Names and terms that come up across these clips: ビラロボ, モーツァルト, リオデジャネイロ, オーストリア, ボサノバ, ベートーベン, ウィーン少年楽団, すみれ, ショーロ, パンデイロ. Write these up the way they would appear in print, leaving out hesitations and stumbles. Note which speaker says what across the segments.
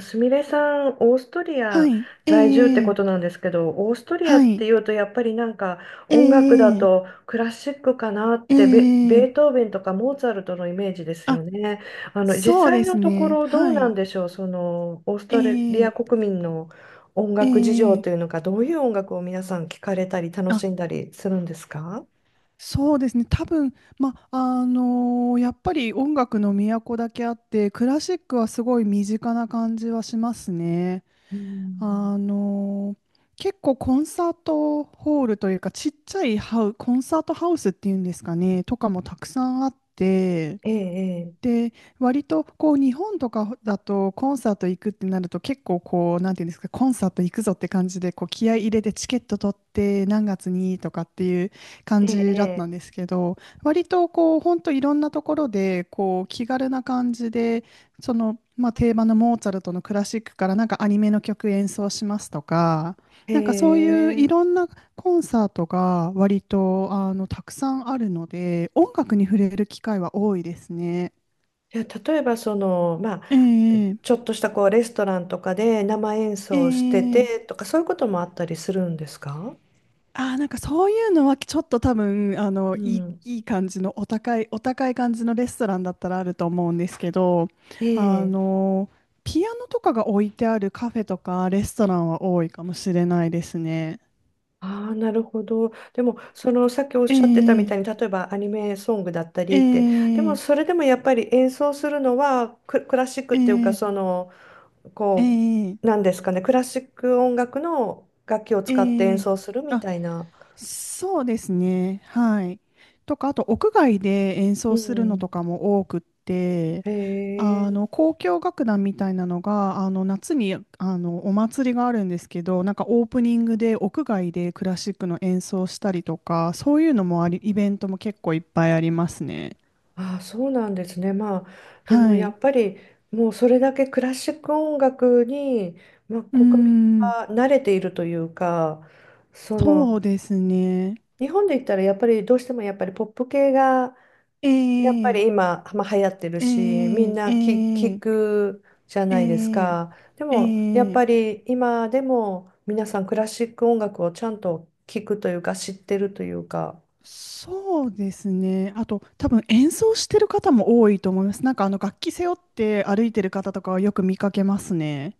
Speaker 1: すみれさん、オーストリ
Speaker 2: は
Speaker 1: ア
Speaker 2: い。ええ
Speaker 1: 在住って
Speaker 2: え
Speaker 1: ことな
Speaker 2: え
Speaker 1: んですけど、オーストリア
Speaker 2: は
Speaker 1: って
Speaker 2: い。
Speaker 1: いうと、やっぱりなんか
Speaker 2: え
Speaker 1: 音楽だ
Speaker 2: え
Speaker 1: と
Speaker 2: え
Speaker 1: クラシックかなっ
Speaker 2: え
Speaker 1: て、ベ
Speaker 2: え
Speaker 1: ートーベンとかモーツァルトのイメージですよ
Speaker 2: あ、
Speaker 1: ね。実
Speaker 2: そうで
Speaker 1: 際
Speaker 2: す
Speaker 1: のとこ
Speaker 2: ね。
Speaker 1: ろどう
Speaker 2: は
Speaker 1: なん
Speaker 2: い。
Speaker 1: でしょう、その、オーストリア
Speaker 2: ええ
Speaker 1: 国民の音
Speaker 2: え
Speaker 1: 楽事情と
Speaker 2: え
Speaker 1: いうのか、どういう音楽を皆さん聞かれたり楽
Speaker 2: あ、
Speaker 1: しんだりするんですか？
Speaker 2: そうですね。多分、ま、やっぱり音楽の都だけあって、クラシックはすごい身近な感じはしますね。
Speaker 1: う
Speaker 2: あ
Speaker 1: ん。
Speaker 2: の結構コンサートホールというか、ちっちゃいコンサートハウスっていうんですかね、とかもたくさんあって、
Speaker 1: ええ、
Speaker 2: で、割とこう日本とかだとコンサート行くってなると結構こう、なんていうんですか、コンサート行くぞって感じでこう気合い入れてチケット取って何月にとかっていう感
Speaker 1: え
Speaker 2: じだった
Speaker 1: え、
Speaker 2: んですけど、割とこう、本当いろんなところでこう気軽な感じで、その、まあ、定番のモーツァルトのクラシックからなんかアニメの曲演奏しますとか、
Speaker 1: ええ、
Speaker 2: なんかそういう
Speaker 1: え
Speaker 2: いろ
Speaker 1: え。
Speaker 2: んなコンサートが割とたくさんあるので、音楽に触れる機会は多いですね。
Speaker 1: じゃあ、例えば、その、まあ、
Speaker 2: ええ
Speaker 1: ちょっとしたこうレストランとかで生演
Speaker 2: え
Speaker 1: 奏して
Speaker 2: え
Speaker 1: てとかそういうこともあったりするんですか？
Speaker 2: ああー、なんかそういうのはちょっと多分、
Speaker 1: う
Speaker 2: いい、
Speaker 1: ん。
Speaker 2: いい感じのお高い感じのレストランだったらあると思うんですけど、
Speaker 1: え
Speaker 2: あ
Speaker 1: え。
Speaker 2: の、ピアノとかが置いてあるカフェとかレストランは多いかもしれないですね。
Speaker 1: ああ、なるほど。でも、そのさっきおっ
Speaker 2: え
Speaker 1: しゃってたみ
Speaker 2: え
Speaker 1: たいに、例えばアニメソングだったりって、でも
Speaker 2: え
Speaker 1: そ
Speaker 2: え
Speaker 1: れでもやっぱり演奏するのはクラシックっていうか、
Speaker 2: え
Speaker 1: そ
Speaker 2: え
Speaker 1: の、
Speaker 2: え
Speaker 1: こ
Speaker 2: え
Speaker 1: う、なんですかね、クラシック音楽の楽器を使って演
Speaker 2: ええ
Speaker 1: 奏するみ
Speaker 2: あ、
Speaker 1: たいな。
Speaker 2: そうですね。はい。とか、あと屋外で演
Speaker 1: う
Speaker 2: 奏するのと
Speaker 1: ん。
Speaker 2: かも多くって、
Speaker 1: へえ。
Speaker 2: 交響楽団みたいなのが夏にお祭りがあるんですけど、なんかオープニングで屋外でクラシックの演奏したりとか、そういうのもあり、イベントも結構いっぱいありますね。
Speaker 1: ああ、そうなんですね。まあ、でも
Speaker 2: は
Speaker 1: や
Speaker 2: い。
Speaker 1: っぱりもうそれだけクラシック音楽に、まあ、
Speaker 2: うー
Speaker 1: 国民
Speaker 2: ん、
Speaker 1: は慣れているというか、そ
Speaker 2: そ
Speaker 1: の
Speaker 2: うですね。
Speaker 1: 日本で言ったらやっぱりどうしてもやっぱりポップ系が
Speaker 2: え
Speaker 1: やっぱ
Speaker 2: ー、
Speaker 1: り今、まあ、流行ってる
Speaker 2: え
Speaker 1: し、みん
Speaker 2: ー、え
Speaker 1: な聞
Speaker 2: ー、
Speaker 1: くじゃ
Speaker 2: え
Speaker 1: ないです
Speaker 2: ー、
Speaker 1: か。で
Speaker 2: え
Speaker 1: もやっ
Speaker 2: ー
Speaker 1: ぱり今でも皆さんクラシック音楽をちゃんと聞くというか知ってるというか。
Speaker 2: そうですね。あと、多分演奏してる方も多いと思います。なんか楽器背負って歩いてる方とかはよく見かけますね。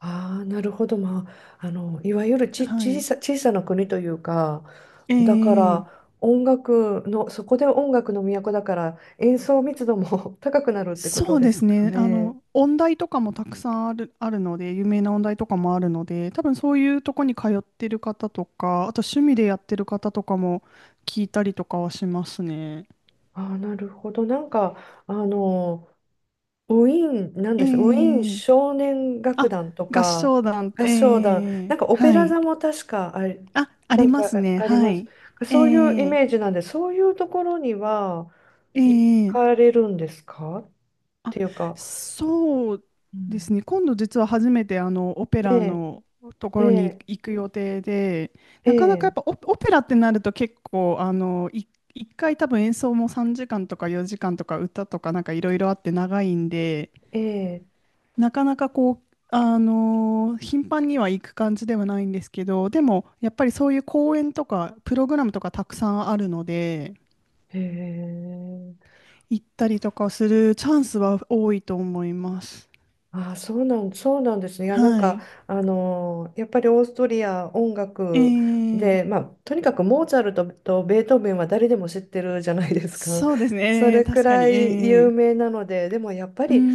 Speaker 1: ああ、なるほど。まあ、いわゆるち、
Speaker 2: は
Speaker 1: 小
Speaker 2: い。
Speaker 1: さ、小さな国というか、
Speaker 2: え
Speaker 1: だか
Speaker 2: え
Speaker 1: ら音楽の、そこで音楽の都だから演奏密度も 高くなるってこと
Speaker 2: そう
Speaker 1: で
Speaker 2: で
Speaker 1: す
Speaker 2: す
Speaker 1: か
Speaker 2: ね。
Speaker 1: ね。
Speaker 2: 音大とかもたくさんあるので、有名な音大とかもあるので、多分そういうとこに通ってる方とか、あと趣味でやってる方とかも聞いたりとかはしますね。
Speaker 1: ああ、なるほど。なんか、あの、ウィーン、なん
Speaker 2: え
Speaker 1: でしたウィーン
Speaker 2: え
Speaker 1: 少年楽
Speaker 2: あ、
Speaker 1: 団と
Speaker 2: 合
Speaker 1: か、
Speaker 2: 唱団、
Speaker 1: 合
Speaker 2: え
Speaker 1: 唱団、
Speaker 2: え
Speaker 1: なんかオペ
Speaker 2: は
Speaker 1: ラ
Speaker 2: い。
Speaker 1: 座も確かあり、
Speaker 2: あ、あ
Speaker 1: な
Speaker 2: り
Speaker 1: ん
Speaker 2: ま
Speaker 1: か
Speaker 2: す
Speaker 1: あ
Speaker 2: ね。
Speaker 1: あり
Speaker 2: は
Speaker 1: ます。
Speaker 2: い。え
Speaker 1: そういうイ
Speaker 2: え
Speaker 1: メージなんで、そういうところには
Speaker 2: え
Speaker 1: 行
Speaker 2: え
Speaker 1: かれるんですか？
Speaker 2: あ、
Speaker 1: ていうか、
Speaker 2: そう
Speaker 1: う
Speaker 2: で
Speaker 1: ん、
Speaker 2: すね。今度実は初めてオペ
Speaker 1: え
Speaker 2: ラ
Speaker 1: え、
Speaker 2: のとこ
Speaker 1: え
Speaker 2: ろに
Speaker 1: え、
Speaker 2: 行く予定で、
Speaker 1: え
Speaker 2: なかなかやっ
Speaker 1: え、
Speaker 2: ぱオペラってなると、結構一回多分演奏も3時間とか4時間とか歌とかなんかいろいろあって長いんで、
Speaker 1: ええ、
Speaker 2: なかなかこう、頻繁には行く感じではないんですけど、でもやっぱりそういう公演とかプログラムとかたくさんあるので、
Speaker 1: へえ、
Speaker 2: 行ったりとかするチャンスは多いと思います。
Speaker 1: ああ、そうなんですね。いや、なん
Speaker 2: は
Speaker 1: か、
Speaker 2: い。
Speaker 1: やっぱりオーストリア音
Speaker 2: え
Speaker 1: 楽で、ま
Speaker 2: え
Speaker 1: あ、とにかくモーツァルトとベートーベンは誰でも知ってるじゃないですか。
Speaker 2: そうです
Speaker 1: そ
Speaker 2: ね。ええ
Speaker 1: れく
Speaker 2: 確か
Speaker 1: ら
Speaker 2: に。
Speaker 1: い
Speaker 2: え
Speaker 1: 有
Speaker 2: え
Speaker 1: 名なので、でもやっぱ
Speaker 2: うー
Speaker 1: り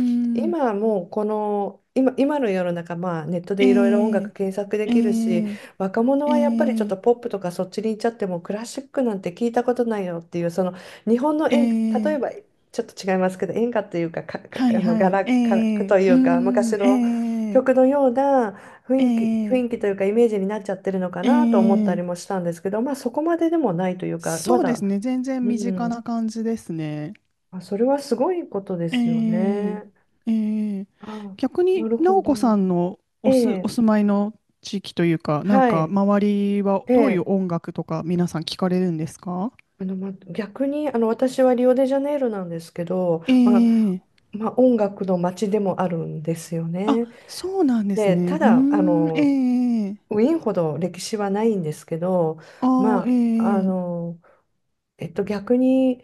Speaker 2: ん。
Speaker 1: 今もうこの、今、今の世の中、まあ、ネット
Speaker 2: え
Speaker 1: でいろいろ音
Speaker 2: え
Speaker 1: 楽検索で
Speaker 2: え
Speaker 1: きるし、
Speaker 2: え
Speaker 1: 若者
Speaker 2: え
Speaker 1: はやっぱりちょっ
Speaker 2: え
Speaker 1: とポップとかそっちに行っちゃってもクラシックなんて聞いたことないよっていう、その日本の例え
Speaker 2: え
Speaker 1: ば
Speaker 2: え
Speaker 1: ちょっと違いますけど、演歌というか、
Speaker 2: はいはい。え
Speaker 1: ガラク
Speaker 2: え
Speaker 1: とい
Speaker 2: うー
Speaker 1: うか、昔
Speaker 2: ん。
Speaker 1: の
Speaker 2: え
Speaker 1: 曲
Speaker 2: え
Speaker 1: のような雰囲気、
Speaker 2: え
Speaker 1: 雰囲
Speaker 2: え
Speaker 1: 気というか、イメージになっちゃってるのか
Speaker 2: え
Speaker 1: なと思ったり
Speaker 2: え
Speaker 1: もしたんですけど、まあ、そこまででもないというか、ま
Speaker 2: そうです
Speaker 1: だ、
Speaker 2: ね。全然
Speaker 1: う
Speaker 2: 身近な
Speaker 1: ん、
Speaker 2: 感じですね。
Speaker 1: あ、それはすごいことで
Speaker 2: え
Speaker 1: すよ
Speaker 2: え
Speaker 1: ね。
Speaker 2: ええ
Speaker 1: あ、
Speaker 2: 逆
Speaker 1: な
Speaker 2: に、
Speaker 1: るほ
Speaker 2: 直
Speaker 1: ど。
Speaker 2: 子さんの
Speaker 1: え
Speaker 2: お
Speaker 1: え、
Speaker 2: 住まいの地域というか、なん
Speaker 1: は
Speaker 2: か、
Speaker 1: い。
Speaker 2: 周りは
Speaker 1: え
Speaker 2: どういう
Speaker 1: え、
Speaker 2: 音楽とか皆さん聞かれるんですか？
Speaker 1: ま、逆に、私はリオデジャネイロなんですけど、
Speaker 2: え
Speaker 1: まあ、
Speaker 2: え
Speaker 1: まあ、音楽の街でもあるんですよ
Speaker 2: あ、
Speaker 1: ね。
Speaker 2: そうなんです
Speaker 1: で、
Speaker 2: ね。う
Speaker 1: た
Speaker 2: ー
Speaker 1: だ、
Speaker 2: ん、ええええ
Speaker 1: ウィーンほど歴史はないんですけど、
Speaker 2: ああ、え
Speaker 1: まあ、
Speaker 2: え
Speaker 1: 逆に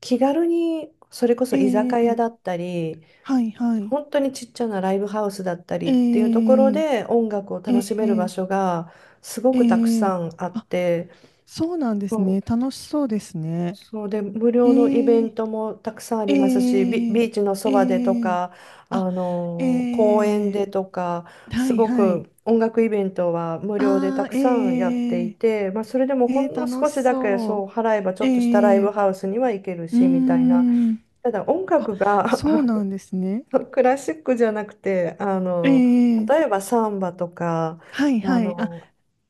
Speaker 1: 気軽にそれこそ居
Speaker 2: ええ
Speaker 1: 酒屋だ
Speaker 2: ええ
Speaker 1: ったり、
Speaker 2: はいはい。
Speaker 1: 本当にちっちゃなライブハウスだった
Speaker 2: え
Speaker 1: りっていうところ
Speaker 2: え
Speaker 1: で音楽を
Speaker 2: え
Speaker 1: 楽し
Speaker 2: え
Speaker 1: める場所
Speaker 2: え
Speaker 1: がすごくたく
Speaker 2: え
Speaker 1: さんあっ
Speaker 2: あ、
Speaker 1: て、
Speaker 2: そうなんです
Speaker 1: も
Speaker 2: ね。楽しそうですね。
Speaker 1: そうで、無
Speaker 2: え
Speaker 1: 料のイベン
Speaker 2: え
Speaker 1: トもたくさんあ
Speaker 2: え
Speaker 1: りますし、
Speaker 2: え
Speaker 1: ビーチのそばでと
Speaker 2: ええ
Speaker 1: か、
Speaker 2: あ、え
Speaker 1: 公園
Speaker 2: え
Speaker 1: でとか、
Speaker 2: は
Speaker 1: す
Speaker 2: い
Speaker 1: ご
Speaker 2: はい。
Speaker 1: く音楽イベントは無料でた
Speaker 2: ああ、
Speaker 1: くさんやって
Speaker 2: え
Speaker 1: い
Speaker 2: え
Speaker 1: て、まあ、それでもほ
Speaker 2: ええ
Speaker 1: んの
Speaker 2: 楽
Speaker 1: 少
Speaker 2: し
Speaker 1: しだけ
Speaker 2: そう。
Speaker 1: そう払えばちょっとしたライ
Speaker 2: え
Speaker 1: ブ
Speaker 2: え
Speaker 1: ハウスには行ける
Speaker 2: うー
Speaker 1: しみたいな。
Speaker 2: ん。
Speaker 1: ただ音
Speaker 2: あ、
Speaker 1: 楽が
Speaker 2: そうなんですね。
Speaker 1: クラシックじゃなくて、
Speaker 2: ええ
Speaker 1: 例えばサンバとか、
Speaker 2: はい
Speaker 1: あ
Speaker 2: はい。
Speaker 1: の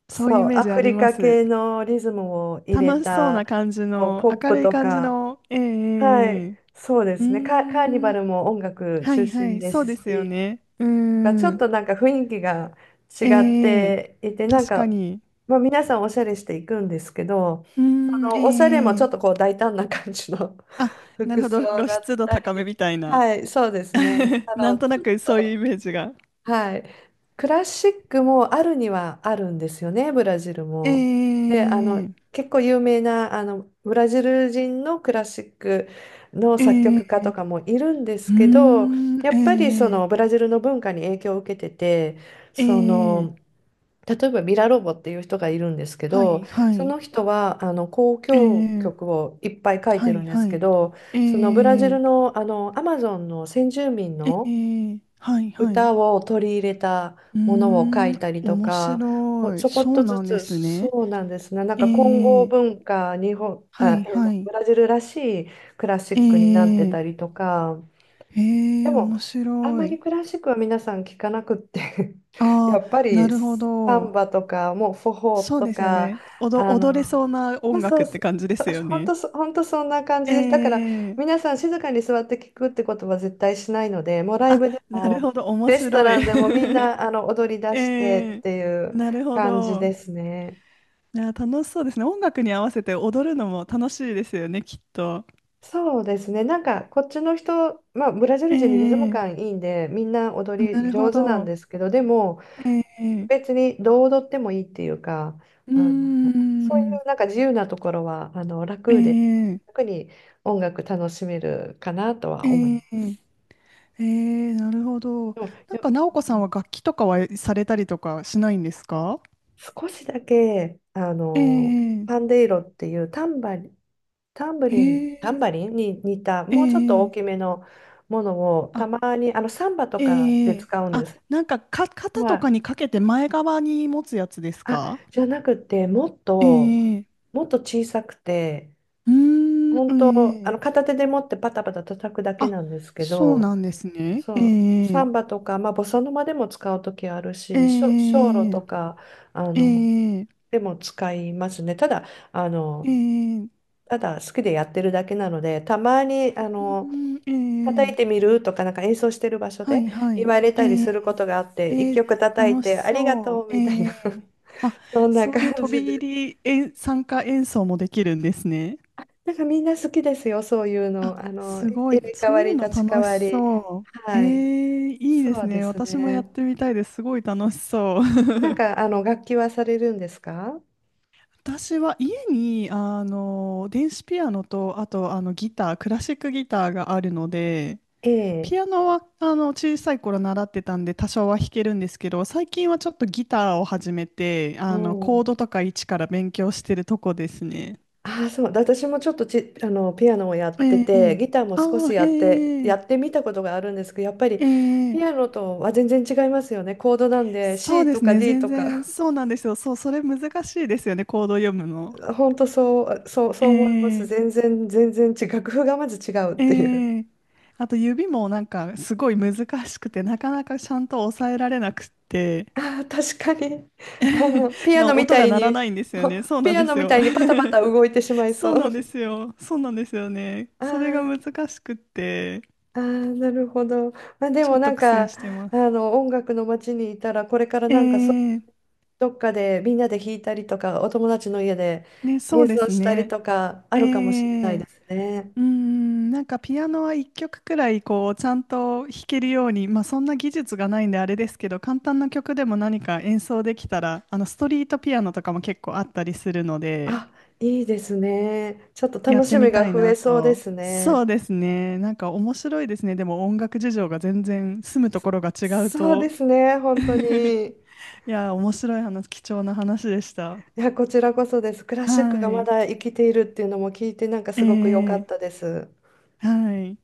Speaker 2: そういうイ
Speaker 1: そう、
Speaker 2: メー
Speaker 1: ア
Speaker 2: ジあ
Speaker 1: フ
Speaker 2: り
Speaker 1: リ
Speaker 2: ま
Speaker 1: カ
Speaker 2: す。
Speaker 1: 系のリズムを入れ
Speaker 2: 楽しそう
Speaker 1: た、
Speaker 2: な感じの、
Speaker 1: ポッ
Speaker 2: 明
Speaker 1: プ
Speaker 2: るい
Speaker 1: と
Speaker 2: 感じ
Speaker 1: か。
Speaker 2: の、ええええ
Speaker 1: は
Speaker 2: え
Speaker 1: い、
Speaker 2: え
Speaker 1: そうで
Speaker 2: う
Speaker 1: すね。カーニ
Speaker 2: ー
Speaker 1: バ
Speaker 2: ん、
Speaker 1: ルも音楽
Speaker 2: は
Speaker 1: 中
Speaker 2: いは
Speaker 1: 心
Speaker 2: い、
Speaker 1: で
Speaker 2: そ
Speaker 1: す
Speaker 2: うですよ
Speaker 1: し、
Speaker 2: ね。うー
Speaker 1: がちょっ
Speaker 2: ん、
Speaker 1: となんか雰囲気が違
Speaker 2: え
Speaker 1: っ
Speaker 2: え
Speaker 1: ていて、なん
Speaker 2: 確か
Speaker 1: か、
Speaker 2: に。
Speaker 1: まあ、皆さんおしゃれしていくんですけど、
Speaker 2: うー
Speaker 1: そ
Speaker 2: ん、え
Speaker 1: のおしゃれも
Speaker 2: え
Speaker 1: ちょ
Speaker 2: え
Speaker 1: っと
Speaker 2: え
Speaker 1: こう大胆な感じの
Speaker 2: あ、な
Speaker 1: 服
Speaker 2: るほ
Speaker 1: 装
Speaker 2: ど、露
Speaker 1: だっ
Speaker 2: 出度
Speaker 1: たり、
Speaker 2: 高めみたいな。
Speaker 1: はい、そうですね。
Speaker 2: なんと
Speaker 1: ち
Speaker 2: な
Speaker 1: ょっ
Speaker 2: くそういうイ
Speaker 1: と
Speaker 2: メージが。
Speaker 1: はい。クラシックもあるにはあるんですよね、ブラジル
Speaker 2: え
Speaker 1: も。で、
Speaker 2: え
Speaker 1: 結構有名な、ブラジル人のクラシックの作
Speaker 2: え
Speaker 1: 曲家
Speaker 2: え
Speaker 1: とかもいるんです
Speaker 2: うー
Speaker 1: けど、
Speaker 2: ん、
Speaker 1: やっぱりそ
Speaker 2: え
Speaker 1: のブラジルの文化に影響を受けてて、
Speaker 2: え
Speaker 1: そ
Speaker 2: え
Speaker 1: の、
Speaker 2: え
Speaker 1: 例えばビラロボっていう人がいるんですけ
Speaker 2: は
Speaker 1: ど、
Speaker 2: いは
Speaker 1: そ
Speaker 2: い、
Speaker 1: の人は交響
Speaker 2: ええ
Speaker 1: 曲をいっぱい書いて
Speaker 2: は
Speaker 1: る
Speaker 2: い
Speaker 1: んで
Speaker 2: は
Speaker 1: すけ
Speaker 2: い、
Speaker 1: ど、
Speaker 2: え
Speaker 1: そのブラジル
Speaker 2: え
Speaker 1: の、アマゾンの先住民
Speaker 2: え
Speaker 1: の
Speaker 2: えはいはい。
Speaker 1: 歌を取り入れた
Speaker 2: うー
Speaker 1: ものを書い
Speaker 2: ん、
Speaker 1: たりと
Speaker 2: 面
Speaker 1: か、
Speaker 2: 白
Speaker 1: ち
Speaker 2: い。
Speaker 1: ょこっ
Speaker 2: そう
Speaker 1: とず
Speaker 2: なんで
Speaker 1: つ、
Speaker 2: すね。
Speaker 1: そうなんですね。なんか混
Speaker 2: え
Speaker 1: 合
Speaker 2: え
Speaker 1: 文化、日本、
Speaker 2: は
Speaker 1: あ、
Speaker 2: い
Speaker 1: の
Speaker 2: は
Speaker 1: ブ
Speaker 2: い。
Speaker 1: ラジルらしいクラシックになって
Speaker 2: ええ
Speaker 1: たりとか、
Speaker 2: え
Speaker 1: で
Speaker 2: え
Speaker 1: も、
Speaker 2: 面
Speaker 1: あん
Speaker 2: 白
Speaker 1: まり
Speaker 2: い。
Speaker 1: クラシックは皆さん聞かなくって や
Speaker 2: あ
Speaker 1: っぱ
Speaker 2: あ、な
Speaker 1: り
Speaker 2: るほ
Speaker 1: サ
Speaker 2: ど。
Speaker 1: ンバとか、もうフォホ
Speaker 2: そう
Speaker 1: と
Speaker 2: ですよ
Speaker 1: か、
Speaker 2: ね。
Speaker 1: あの、
Speaker 2: 踊れそうな
Speaker 1: まあ、
Speaker 2: 音
Speaker 1: そ
Speaker 2: 楽
Speaker 1: う、
Speaker 2: って
Speaker 1: そう
Speaker 2: 感じですよね。
Speaker 1: 本当そんな感じです。だから、
Speaker 2: ええ
Speaker 1: 皆さん静かに座って聞くってことは絶対しないので、もうライ
Speaker 2: あ、
Speaker 1: ブで
Speaker 2: なる
Speaker 1: も、
Speaker 2: ほど。面
Speaker 1: レスト
Speaker 2: 白い。
Speaker 1: ランでもみん な踊り出
Speaker 2: え
Speaker 1: してっ
Speaker 2: え
Speaker 1: ていう
Speaker 2: なるほ
Speaker 1: 感じ
Speaker 2: ど。
Speaker 1: ですね。
Speaker 2: いや、楽しそうですね。音楽に合わせて踊るのも楽しいですよね、きっと。
Speaker 1: そうですね。なんかこっちの人、まあ、ブラジル
Speaker 2: え
Speaker 1: 人にリズム感
Speaker 2: え
Speaker 1: いいんでみんな踊
Speaker 2: な
Speaker 1: り
Speaker 2: るほ
Speaker 1: 上手なん
Speaker 2: ど。
Speaker 1: ですけどでも
Speaker 2: ええ
Speaker 1: 別にどう踊ってもいいっていうか、
Speaker 2: うー
Speaker 1: あの、そうい
Speaker 2: ん
Speaker 1: うなんか自由なところは、楽で、
Speaker 2: ええ
Speaker 1: 楽に音楽楽しめるかなと
Speaker 2: え
Speaker 1: は思いま
Speaker 2: え
Speaker 1: す。
Speaker 2: ええなるほど。
Speaker 1: でも、
Speaker 2: なんか奈央子
Speaker 1: う
Speaker 2: さん
Speaker 1: ん、
Speaker 2: は楽器とかはされたりとかしないんですか？
Speaker 1: 少しだけ、
Speaker 2: え
Speaker 1: パン
Speaker 2: え
Speaker 1: デイロっていうタンバリン、タンブ
Speaker 2: へ
Speaker 1: リン、タン
Speaker 2: え
Speaker 1: バリンに似た、
Speaker 2: え
Speaker 1: もうちょっと大
Speaker 2: え
Speaker 1: きめのものを、
Speaker 2: あ
Speaker 1: たまに、サンバとか
Speaker 2: え
Speaker 1: で
Speaker 2: え
Speaker 1: 使うん
Speaker 2: あ
Speaker 1: です。
Speaker 2: なんか肩と
Speaker 1: は
Speaker 2: か
Speaker 1: い。
Speaker 2: にかけて前側に持つやつです
Speaker 1: あ、
Speaker 2: か？
Speaker 1: じゃなくて、もっ
Speaker 2: え
Speaker 1: と、
Speaker 2: え
Speaker 1: もっと小さくて、
Speaker 2: うー
Speaker 1: 本当、
Speaker 2: んええ
Speaker 1: 片手で持ってパタパタ叩くだけ
Speaker 2: あ
Speaker 1: なんですけ
Speaker 2: そう
Speaker 1: ど、
Speaker 2: なんですねえ
Speaker 1: そう、サ
Speaker 2: え
Speaker 1: ンバとか、まあ、ボサノバでも使う時あるし、ショーロ
Speaker 2: え
Speaker 1: とか、あ
Speaker 2: え
Speaker 1: の、
Speaker 2: ええ
Speaker 1: でも使いますね。ただ、あ
Speaker 2: ええ
Speaker 1: の、
Speaker 2: うーん
Speaker 1: ただ好きでやってるだけなので、たまに、
Speaker 2: え
Speaker 1: 叩いて
Speaker 2: え
Speaker 1: みるとか、なんか演奏してる場所
Speaker 2: は
Speaker 1: で
Speaker 2: いは
Speaker 1: 言
Speaker 2: い。
Speaker 1: われ
Speaker 2: え
Speaker 1: たり
Speaker 2: ー、
Speaker 1: することがあって、一
Speaker 2: えー、
Speaker 1: 曲叩い
Speaker 2: 楽し
Speaker 1: て、ありが
Speaker 2: そ
Speaker 1: と
Speaker 2: う。
Speaker 1: うみたいな、
Speaker 2: えー、あ、
Speaker 1: そんな
Speaker 2: そういう
Speaker 1: 感
Speaker 2: 飛
Speaker 1: じで
Speaker 2: び
Speaker 1: す。
Speaker 2: 入り参加演奏もできるんですね。
Speaker 1: なんかみんな好きですよ、そういう
Speaker 2: あ、
Speaker 1: の。
Speaker 2: す
Speaker 1: 入
Speaker 2: ごい。
Speaker 1: れ替
Speaker 2: そ
Speaker 1: わ
Speaker 2: うい
Speaker 1: り、
Speaker 2: うの
Speaker 1: 立ち替
Speaker 2: 楽し
Speaker 1: わり。
Speaker 2: そう。え
Speaker 1: はい。
Speaker 2: ー、いいです
Speaker 1: そうで
Speaker 2: ね。
Speaker 1: す
Speaker 2: 私もやっ
Speaker 1: ね。
Speaker 2: てみたいです。すごい楽しそう。
Speaker 1: なんか、楽器はされるんですか？
Speaker 2: 私は家に電子ピアノと、あとギター、クラシックギターがあるので、
Speaker 1: ええ。
Speaker 2: ピアノは小さい頃習ってたんで多少は弾けるんですけど、最近はちょっとギターを始めて、
Speaker 1: おー、
Speaker 2: コードとか一から勉強してるとこですね。
Speaker 1: ああ、そう。私もちょっとピアノをやっ
Speaker 2: え
Speaker 1: て
Speaker 2: ええ
Speaker 1: て、
Speaker 2: え
Speaker 1: ギターも少
Speaker 2: あ
Speaker 1: し
Speaker 2: あ、
Speaker 1: や
Speaker 2: え
Speaker 1: って、やって
Speaker 2: え
Speaker 1: みたことがあるんですけど、やっぱり
Speaker 2: え
Speaker 1: ピア
Speaker 2: え
Speaker 1: ノとは全然違いますよね。コードなんで
Speaker 2: そう
Speaker 1: C
Speaker 2: で
Speaker 1: と
Speaker 2: す
Speaker 1: か
Speaker 2: ね、
Speaker 1: D
Speaker 2: 全
Speaker 1: と
Speaker 2: 然
Speaker 1: か。
Speaker 2: そうなんですよ。そう、それ難しいですよね、コード読むの。
Speaker 1: 本当そう、そう、
Speaker 2: え
Speaker 1: そう思います。
Speaker 2: え
Speaker 1: 全然、全然違う。楽譜がまず違うっていう。
Speaker 2: ええあと指もなんかすごい難しくて、なかなかちゃんと抑えられなくって、
Speaker 1: あー確かに。ピアノみ
Speaker 2: 音
Speaker 1: た
Speaker 2: が
Speaker 1: い
Speaker 2: 鳴ら
Speaker 1: に、
Speaker 2: ないんで すよ
Speaker 1: ほ
Speaker 2: ね。そうな
Speaker 1: ピ
Speaker 2: ん
Speaker 1: ア
Speaker 2: で
Speaker 1: ノ
Speaker 2: す
Speaker 1: みた
Speaker 2: よ。
Speaker 1: いにパタパ タ動いてしまいそ
Speaker 2: そうなんで
Speaker 1: う。
Speaker 2: すよ。そうなんですよね。
Speaker 1: あ
Speaker 2: それが
Speaker 1: ー
Speaker 2: 難しくって、
Speaker 1: あー、なるほど。まあ、で
Speaker 2: ちょ
Speaker 1: も
Speaker 2: っ
Speaker 1: な
Speaker 2: と
Speaker 1: ん
Speaker 2: 苦戦
Speaker 1: か、
Speaker 2: してます。
Speaker 1: 音楽の街にいたら、これから
Speaker 2: え
Speaker 1: なんかそう
Speaker 2: ー、
Speaker 1: どっかでみんなで弾いたりとか、お友達の家で
Speaker 2: ね、そう
Speaker 1: 演
Speaker 2: で
Speaker 1: 奏
Speaker 2: す
Speaker 1: したり
Speaker 2: ね。
Speaker 1: とかあ
Speaker 2: え
Speaker 1: るかもしれない
Speaker 2: ー、
Speaker 1: ですね。
Speaker 2: うーん、なんかピアノは一曲くらいこう、ちゃんと弾けるように、まあそんな技術がないんであれですけど、簡単な曲でも何か演奏できたら、ストリートピアノとかも結構あったりするので、
Speaker 1: あ、いいですね。ちょっと
Speaker 2: やっ
Speaker 1: 楽
Speaker 2: て
Speaker 1: しみ
Speaker 2: みた
Speaker 1: が
Speaker 2: い
Speaker 1: 増え
Speaker 2: な
Speaker 1: そうで
Speaker 2: と。
Speaker 1: す
Speaker 2: そ
Speaker 1: ね。
Speaker 2: うですね。なんか面白いですね。でも音楽事情が全然住むと
Speaker 1: そ
Speaker 2: ころが違う
Speaker 1: そうで
Speaker 2: と、
Speaker 1: すね、本当に。
Speaker 2: いや、面白い話、貴重な話でした。
Speaker 1: いや、こちらこそです。クラ
Speaker 2: は
Speaker 1: シックがまだ生きているっていうのも聞いて、なんか
Speaker 2: い。え
Speaker 1: すごく良か
Speaker 2: ー、
Speaker 1: ったです。
Speaker 2: はい。